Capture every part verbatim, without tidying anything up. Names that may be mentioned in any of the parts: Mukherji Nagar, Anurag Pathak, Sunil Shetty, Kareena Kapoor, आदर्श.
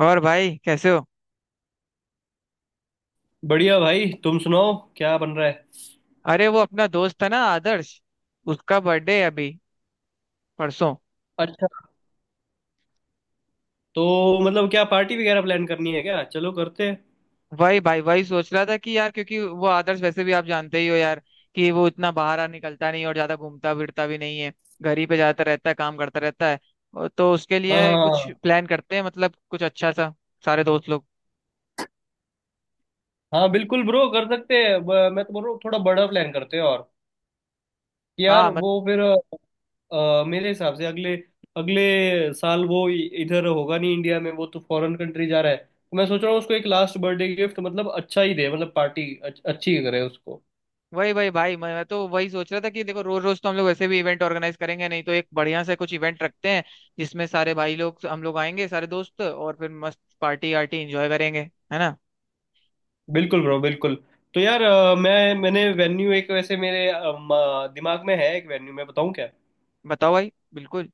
और भाई, कैसे हो? बढ़िया भाई। तुम सुनाओ क्या बन रहा है? अरे, वो अपना दोस्त था ना, आदर्श। उसका बर्थडे है अभी, परसों। अच्छा। तो मतलब क्या पार्टी वगैरह प्लान करनी है क्या? चलो करते हैं। वही भाई, वही सोच रहा था कि यार, क्योंकि वो आदर्श वैसे भी आप जानते ही हो यार, कि वो इतना बाहर आ निकलता नहीं और ज्यादा घूमता फिरता भी नहीं है। घर ही पे जाता रहता है, काम करता रहता है। और तो उसके हाँ, लिए कुछ हाँ। प्लान करते हैं, मतलब कुछ अच्छा सा, सारे दोस्त लोग। हाँ बिल्कुल ब्रो, कर सकते हैं। ब- मैं तो बोल रहा हूँ थोड़ा बड़ा प्लान करते हैं। और कि यार हाँ, वो फिर, अ, मेरे हिसाब से अगले अगले साल वो इ- इधर होगा नहीं, इंडिया में। वो तो फॉरेन कंट्री जा रहा है, तो मैं सोच रहा हूँ उसको एक लास्ट बर्थडे गिफ्ट, मतलब अच्छा ही दे, मतलब पार्टी अच्छ, अच्छी करे उसको। वही वही भाई। मैं तो वही सोच रहा था कि देखो, रोज रोज तो हम लोग वैसे भी इवेंट ऑर्गेनाइज करेंगे नहीं। तो एक बढ़िया से कुछ इवेंट रखते हैं जिसमें सारे भाई लोग, हम लोग आएंगे, सारे दोस्त, और फिर मस्त पार्टी आर्टी एंजॉय करेंगे, है ना? बिल्कुल ब्रो, बिल्कुल। तो यार अ, मैं मैंने वेन्यू एक, वैसे मेरे अ, म- दिमाग में है एक वेन्यू। मैं बताऊँ क्या? बताओ भाई, बिल्कुल।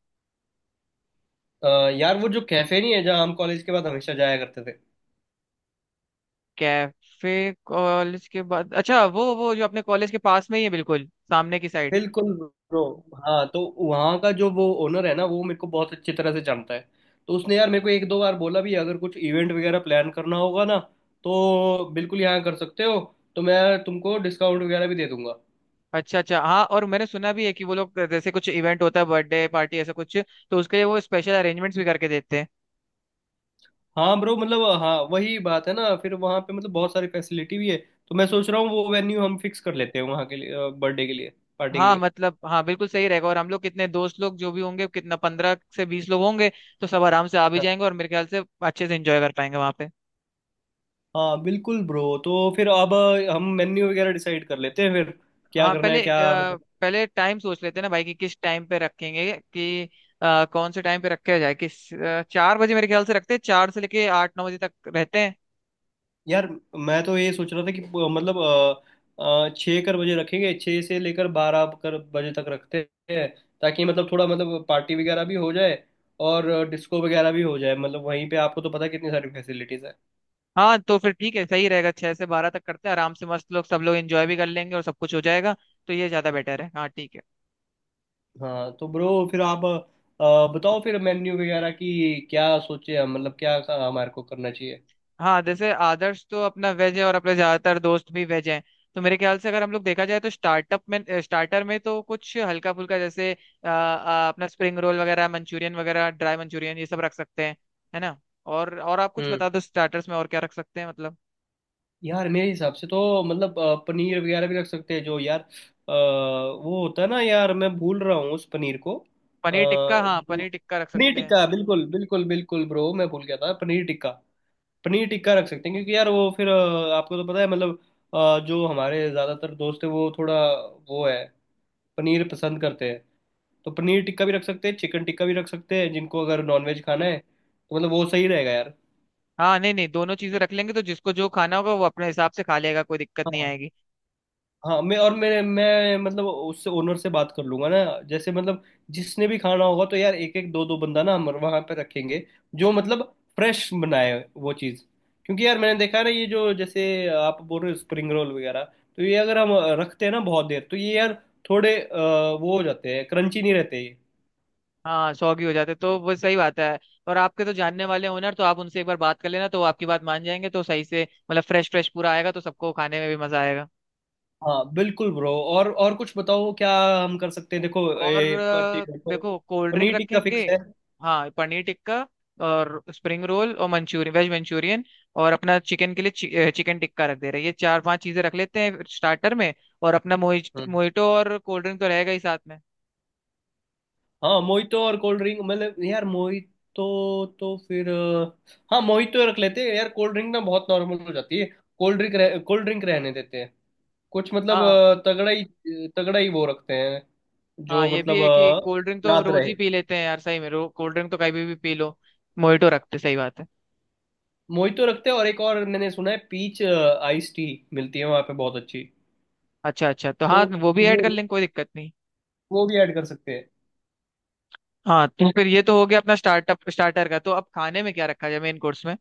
अ, यार वो जो कैफे नहीं है जहाँ हम कॉलेज के बाद हमेशा जाया करते थे। कैफे कॉलेज के बाद, अच्छा, वो वो जो अपने कॉलेज के पास में ही है, बिल्कुल सामने की साइड। बिल्कुल ब्रो। हाँ तो वहाँ का जो वो ओनर है ना, वो मेरे को बहुत अच्छी तरह से जानता है। तो उसने यार मेरे को एक दो बार बोला भी, अगर कुछ इवेंट वगैरह प्लान करना होगा ना तो बिल्कुल यहाँ कर सकते हो, तो मैं तुमको डिस्काउंट वगैरह भी दे दूंगा। अच्छा अच्छा, हाँ। और मैंने सुना भी है कि वो लोग, जैसे कुछ इवेंट होता है, बर्थडे पार्टी, ऐसा कुछ, तो उसके लिए वो स्पेशल अरेंजमेंट्स भी करके देते हैं। हाँ ब्रो, मतलब हाँ वही बात है ना, फिर वहाँ पे मतलब बहुत सारी फैसिलिटी भी है। तो मैं सोच रहा हूँ वो वेन्यू हम फिक्स कर लेते हैं, वहाँ के लिए, बर्थडे के लिए, पार्टी के हाँ, लिए। मतलब हाँ, बिल्कुल सही रहेगा। और हम लोग कितने दोस्त लोग जो भी होंगे, कितना पंद्रह से बीस लोग होंगे, तो सब आराम से आ भी जाएंगे और मेरे ख्याल से अच्छे से एंजॉय कर पाएंगे वहां पे। हाँ बिल्कुल ब्रो। तो फिर अब हम मेन्यू वगैरह डिसाइड कर लेते हैं, फिर क्या हाँ, करना पहले है, क्या अ, मतलब। पहले टाइम सोच लेते हैं ना भाई, कि किस टाइम पे रखेंगे, कि अ, कौन से टाइम पे रखा जाए, किस अ, चार बजे मेरे ख्याल से रखते हैं, चार से लेके आठ नौ बजे तक रहते हैं। यार मैं तो ये सोच रहा था कि प- मतलब अ, अ, छः कर बजे रखेंगे, छः से लेकर बारह कर बजे तक रखते हैं। ताकि मतलब थोड़ा, मतलब पार्टी वगैरह भी हो जाए और डिस्को वगैरह भी हो जाए, मतलब वहीं पे आपको तो पता है कितनी सारी फैसिलिटीज़ है। हाँ, तो फिर ठीक है, सही रहेगा। छह से बारह तक करते हैं, आराम से मस्त, लोग सब लोग एंजॉय भी कर लेंगे और सब कुछ हो जाएगा। तो ये ज्यादा बेटर है। हाँ, ठीक है। हाँ तो ब्रो, फिर आप अ, बताओ फिर, मेन्यू वगैरह की क्या सोचे हम, मतलब क्या हमारे को करना चाहिए। हाँ, जैसे आदर्श तो अपना वेज है और अपने ज्यादातर दोस्त भी वेज हैं। तो मेरे ख्याल से अगर हम लोग देखा जाए, तो स्टार्टअप में स्टार्टर में तो कुछ हल्का फुल्का, जैसे अ, अ, अपना स्प्रिंग रोल वगैरह, मंचूरियन वगैरह, ड्राई मंचूरियन, ये सब रख सकते हैं, है ना? और और आप कुछ हम्म बता दो, स्टार्टर्स में और क्या रख सकते हैं मतलब। यार मेरे हिसाब से तो मतलब अ, पनीर वगैरह भी रख सकते हैं। जो यार अ, वो होता है ना, यार मैं भूल रहा हूँ उस पनीर को, अ, पनीर टिक्का, हाँ, जो पनीर टिक्का रख पनीर सकते हैं। टिक्का, बिल्कुल बिल्कुल बिल्कुल ब्रो, मैं भूल गया था पनीर टिक्का। पनीर टिक्का रख सकते हैं, क्योंकि यार वो फिर, अ, आपको तो पता है मतलब, अ, जो हमारे ज़्यादातर दोस्त है वो थोड़ा, वो है, पनीर पसंद करते हैं। तो पनीर टिक्का भी रख सकते हैं, चिकन टिक्का भी रख सकते हैं, जिनको अगर नॉनवेज खाना है तो मतलब वो सही रहेगा यार। हाँ, नहीं नहीं, दोनों चीजें रख लेंगे। तो जिसको जो खाना होगा वो अपने हिसाब से खा लेगा, कोई दिक्कत नहीं हाँ, आएगी। हाँ। मैं, और मैं मैं मतलब उससे, ओनर से बात कर लूंगा ना। जैसे मतलब, जिसने भी खाना होगा, तो यार एक एक दो दो बंदा ना हम वहां पे रखेंगे, जो मतलब फ्रेश बनाए वो चीज़। क्योंकि यार मैंने देखा है ना, ये जो, जैसे आप बोल रहे हो स्प्रिंग रोल वगैरह, तो ये अगर हम रखते हैं ना बहुत देर, तो ये यार थोड़े अ, वो हो जाते हैं, क्रंची नहीं रहते ये। हाँ, सौगी हो जाते तो वो सही बात है। और आपके तो जानने वाले ओनर, तो आप उनसे एक बार बात कर लेना, तो वो आपकी बात मान जाएंगे, तो सही से मतलब फ्रेश फ्रेश पूरा आएगा, तो सबको खाने में भी मजा आएगा। हाँ बिल्कुल ब्रो। और और कुछ बताओ क्या हम कर सकते हैं। देखो, और ए, प- टी- अ, देखो कोल्ड ड्रिंक पनीर टिक्का रखेंगे। फिक्स हाँ, पनीर टिक्का और स्प्रिंग रोल और मंचूरियन, वेज मंचूरियन, और अपना चिकन के लिए चि, अ, चिकन टिक्का रख दे रहे हैं। ये चार पांच चीजें रख लेते हैं स्टार्टर में। और अपना मोहिट है। मोहिटो और कोल्ड ड्रिंक तो रहेगा ही साथ में। हाँ मोहितो और कोल्ड ड्रिंक, मतलब यार मोहितो तो फिर, अ, हाँ मोहितो रख लेते हैं। यार कोल्ड ड्रिंक ना बहुत नॉर्मल हो जाती है। कोल्ड ड्रिंक रह, कोल्ड ड्रिंक रहने देते हैं। कुछ मतलब हाँ अ, तगड़ा ही, तगड़ा ही वो रखते हैं, हाँ, जो ये भी मतलब है कि अ, कोल्ड ड्रिंक तो याद रोज रहे। ही पी लेते हैं यार, सही में, रो कोल्ड ड्रिंक तो कभी भी पी लो। मोहितो रखते सही बात है। मोहितो रखते हैं, और एक और मैंने सुना है पीच आइस टी मिलती है वहाँ पे बहुत अच्छी। अच्छा अच्छा, तो तो हाँ, वो भी ऐड वो कर लेंगे, कोई दिक्कत नहीं। वो भी ऐड कर सकते हैं। हाँ, तो फिर ये तो हो गया अपना स्टार्टअप स्टार्टर का। तो अब खाने में क्या रखा जाए मेन कोर्स में?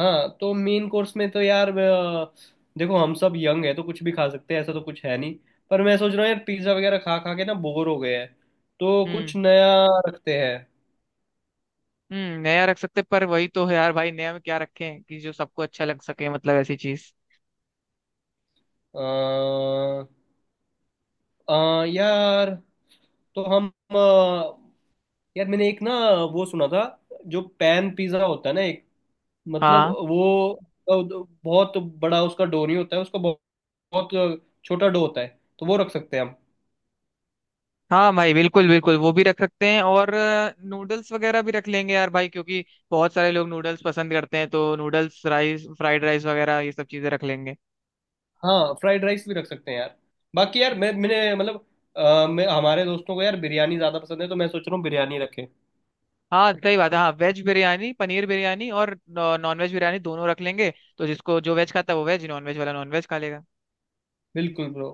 हाँ तो मेन कोर्स में तो यार, अ, देखो हम सब यंग है तो कुछ भी खा सकते हैं, ऐसा तो कुछ है नहीं। पर मैं सोच रहा हूँ यार, पिज्ज़ा वगैरह खा खा के ना बोर हो गए हैं। तो हम्म कुछ नया रखते हैं। हम्म नया रख सकते पर वही तो है यार भाई, नया में क्या रखें कि जो सबको अच्छा लग सके, मतलब ऐसी चीज। अ, अ, यार तो हम, अ, यार मैंने एक ना वो सुना था, जो पैन पिज़्ज़ा होता है ना एक, मतलब हाँ वो, अ, बहुत बड़ा उसका डो नहीं होता है, उसका बहुत, बहुत छोटा डो होता है। तो वो रख सकते हैं हम। हाँ, भाई, बिल्कुल बिल्कुल वो भी रख सकते हैं। और नूडल्स वगैरह भी रख लेंगे यार भाई, क्योंकि बहुत सारे लोग नूडल्स पसंद करते हैं। तो नूडल्स, राइस, फ्राइड राइस वगैरह, ये सब चीजें रख लेंगे। हाँ, फ्राइड राइस भी रख सकते हैं यार। बाकी यार मैं मैंने मतलब, अ, मैं, हमारे दोस्तों को यार बिरयानी ज़्यादा पसंद है, तो मैं सोच रहा हूँ बिरयानी रखें। हाँ, सही बात है। हाँ, वेज बिरयानी, पनीर बिरयानी, और नॉन वेज बिरयानी, दोनों रख लेंगे। तो जिसको जो वेज खाता है वो वेज, नॉन वेज वाला नॉन वेज खा लेगा। बिल्कुल ब्रो।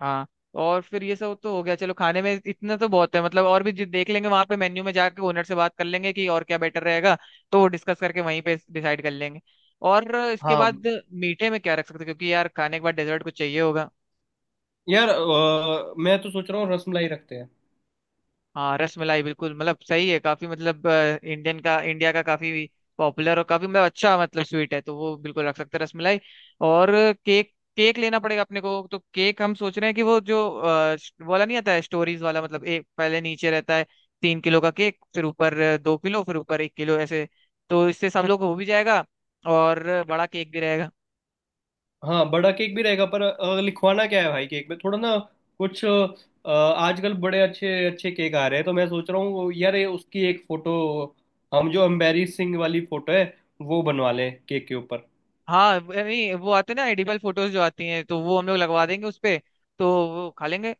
हाँ, और फिर ये सब तो हो गया, चलो। खाने में इतना तो बहुत है, मतलब और भी जो देख लेंगे वहां पे मेन्यू में जाके, ओनर से बात कर लेंगे कि और क्या बेटर रहेगा, तो वो डिस्कस करके वहीं पे डिसाइड कर लेंगे। और इसके हाँ बाद मीठे में क्या रख सकते हैं? क्योंकि यार खाने के बाद डेजर्ट कुछ चाहिए होगा। यार, अ, मैं तो सोच रहा हूँ रसमलाई रखते हैं। हाँ, रस मलाई बिल्कुल, मतलब सही है, काफी मतलब अ, इंडियन का इंडिया का काफी पॉपुलर और काफी मतलब अच्छा, मतलब स्वीट है, तो वो बिल्कुल रख सकते हैं, रस मलाई। और केक, केक लेना पड़ेगा अपने को। तो केक हम सोच रहे हैं कि वो जो अ, श- वाला नहीं आता है, स्टोरीज वाला, मतलब एक पहले नीचे रहता है तीन किलो का केक, फिर ऊपर अ, दो किलो, फिर ऊपर एक किलो, ऐसे। तो इससे सब लोग हो भी जाएगा, और बड़ा केक भी रहेगा। हाँ बड़ा केक भी रहेगा, पर अ, लिखवाना क्या है भाई केक में, थोड़ा ना कुछ, अ, आजकल बड़े अच्छे अच्छे केक आ रहे हैं। तो मैं सोच रहा हूँ यार ये उसकी एक फ़ोटो, हम जो एम्बेरसिंग वाली फ़ोटो है, वो बनवा लें केक के ऊपर। हाँ नहीं, वो आते हैं ना एडिबल फोटोज जो आती हैं, तो वो हम लोग लगवा देंगे उस पे, तो वो खा लेंगे।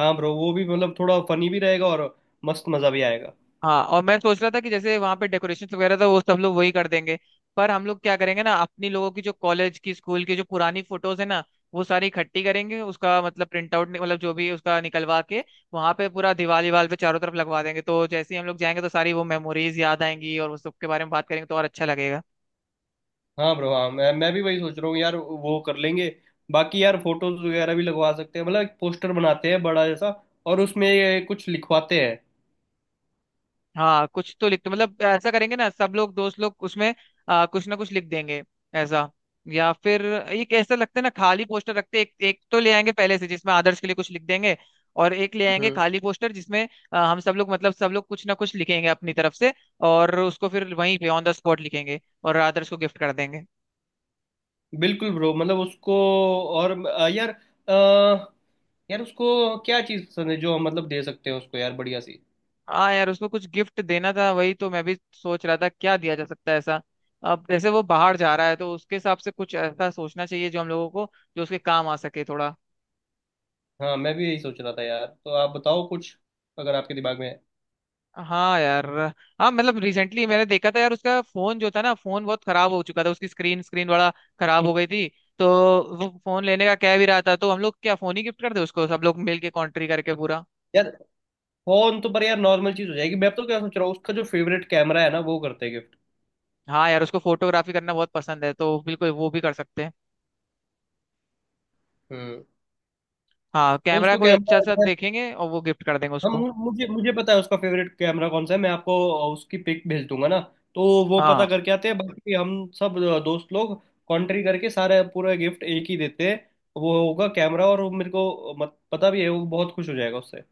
हाँ ब्रो, वो भी मतलब थोड़ा फनी भी रहेगा और मस्त मज़ा भी आएगा। हाँ, और मैं सोच रहा था कि जैसे वहां पे डेकोरेशन वगैरह था, वो सब लोग वही कर देंगे। पर हम लोग क्या करेंगे ना, अपनी लोगों की जो कॉलेज की, स्कूल की जो पुरानी फोटोज है ना, वो सारी इकट्ठी करेंगे, उसका मतलब प्रिंट आउट, मतलब जो भी उसका निकलवा के, वहां पे पूरा दीवार दीवार पे चारों तरफ लगवा देंगे। तो जैसे ही हम लोग जाएंगे, तो सारी वो मेमोरीज याद आएंगी और उस सब के बारे में बात करेंगे तो और अच्छा लगेगा। हाँ ब्रो, हाँ मैं मैं भी वही सोच रहा हूँ यार, वो कर लेंगे। बाकी यार फोटोज वगैरह भी लगवा सकते हैं, मतलब एक पोस्टर बनाते हैं बड़ा जैसा, और उसमें ये कुछ लिखवाते हैं। हाँ, कुछ तो लिख दो, मतलब ऐसा करेंगे ना, सब लोग दोस्त लोग उसमें आ, कुछ ना कुछ लिख देंगे, ऐसा। या फिर एक ऐसा लगता है ना, खाली पोस्टर रखते, एक एक तो ले आएंगे पहले से, जिसमें आदर्श के लिए कुछ लिख देंगे। और एक ले आएंगे हम्म खाली पोस्टर, जिसमें आ, हम सब लोग, मतलब सब लोग कुछ ना कुछ लिखेंगे अपनी तरफ से, और उसको फिर वहीं पे ऑन द स्पॉट लिखेंगे और आदर्श को गिफ्ट कर देंगे। बिल्कुल ब्रो, मतलब उसको। और अ, यार, अ, यार उसको क्या चीज़ पसंद है जो हम मतलब दे सकते हैं उसको, यार बढ़िया सी। हाँ यार, उसको कुछ गिफ्ट देना था, वही तो मैं भी सोच रहा था, क्या दिया जा सकता है, ऐसा। अब जैसे वो बाहर जा रहा है, तो उसके हिसाब से कुछ ऐसा सोचना चाहिए जो हम लोगों को, जो उसके काम आ सके थोड़ा। हाँ मैं भी यही सोच रहा था यार। तो आप बताओ कुछ, अगर आपके दिमाग में है। हाँ यार। हाँ, मतलब रिसेंटली मैंने देखा था यार, उसका फोन जो था ना, फोन बहुत खराब हो चुका था, उसकी स्क्रीन स्क्रीन बड़ा खराब हो गई थी। तो वो फोन लेने का कह भी रहा था, तो हम लोग क्या फोन ही गिफ्ट कर दे उसको, सब लोग मिल के कॉन्ट्री करके पूरा। यार फोन तो, पर यार नॉर्मल चीज़ हो जाएगी, मैं तो क्या सोच रहा हूँ, उसका जो फेवरेट कैमरा है ना, वो करते हैं गिफ्ट। हाँ यार, उसको फोटोग्राफी करना बहुत पसंद है, तो बिल्कुल वो भी कर सकते हैं। हम्म हाँ, तो कैमरा उसको कोई कैमरा अच्छा सा अच्छा, देखेंगे और वो गिफ्ट कर देंगे हम, उसको। मुझे मुझे पता है उसका फेवरेट कैमरा कौन सा है। मैं आपको उसकी पिक भेज दूंगा ना। तो वो पता हाँ करके आते हैं, बाकी हम सब दोस्त लोग कॉन्ट्री करके सारा पूरा गिफ्ट एक ही देते हैं। वो होगा कैमरा, और वो मेरे को मत पता भी है वो बहुत खुश हो जाएगा उससे।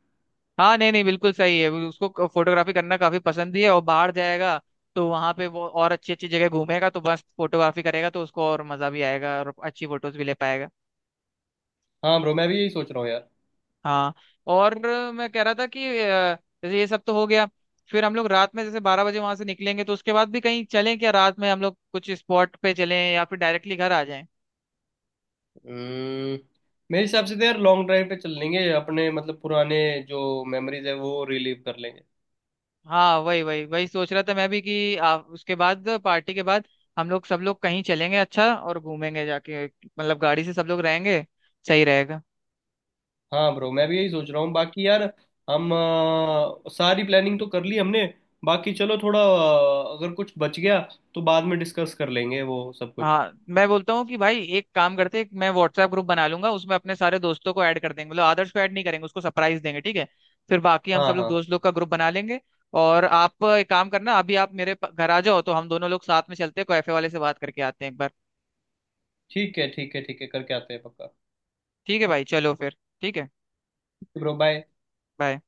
हाँ, नहीं नहीं, बिल्कुल सही है, उसको फोटोग्राफी करना काफी पसंद भी है। और बाहर जाएगा तो वहां पे वो और अच्छी अच्छी जगह घूमेगा, तो बस फोटोग्राफी करेगा, तो उसको और मजा भी आएगा और अच्छी फोटोज भी ले पाएगा। हाँ ब्रो, मैं भी यही सोच रहा हूँ यार। हाँ। और मैं कह रहा था कि अ, जैसे ये सब तो हो गया, फिर हम लोग रात में जैसे बारह बजे वहां से निकलेंगे, तो उसके बाद भी कहीं चलें क्या? रात में हम लोग कुछ स्पॉट पे चलें या फिर डायरेक्टली घर आ जाएं? हम्म, मेरे हिसाब से तो यार लॉन्ग ड्राइव पे चल लेंगे अपने, मतलब पुराने जो मेमोरीज है वो रिलीव कर लेंगे। हाँ, वही वही वही सोच रहा था मैं भी, कि आ, उसके बाद पार्टी के बाद हम लोग, सब लोग कहीं चलेंगे अच्छा, और घूमेंगे जाके, मतलब गाड़ी से सब लोग रहेंगे, सही रहेगा। हाँ ब्रो, मैं भी यही सोच रहा हूँ। बाकी यार हम, अ, सारी प्लानिंग तो कर ली हमने। बाकी चलो थोड़ा, अ, अगर कुछ बच गया तो बाद में डिस्कस कर लेंगे वो सब कुछ। हाँ, मैं बोलता हूँ कि भाई एक काम करते हैं, मैं व्हाट्सएप ग्रुप बना लूंगा, उसमें अपने सारे दोस्तों को ऐड कर देंगे, मतलब आदर्श को ऐड नहीं करेंगे, उसको सरप्राइज देंगे, ठीक है? फिर बाकी हम सब हाँ, लोग, हाँ। दोस्त लोग का ग्रुप बना लेंगे। और आप एक काम करना, अभी आप मेरे प- घर आ जाओ, तो हम दोनों लोग साथ में चलते हैं, कैफे वाले से बात करके आते हैं एक बार। ठीक है, ठीक है, ठीक है, करके आते हैं पक्का। ठीक है भाई, चलो फिर, ठीक है, ब्रो बाय। बाय।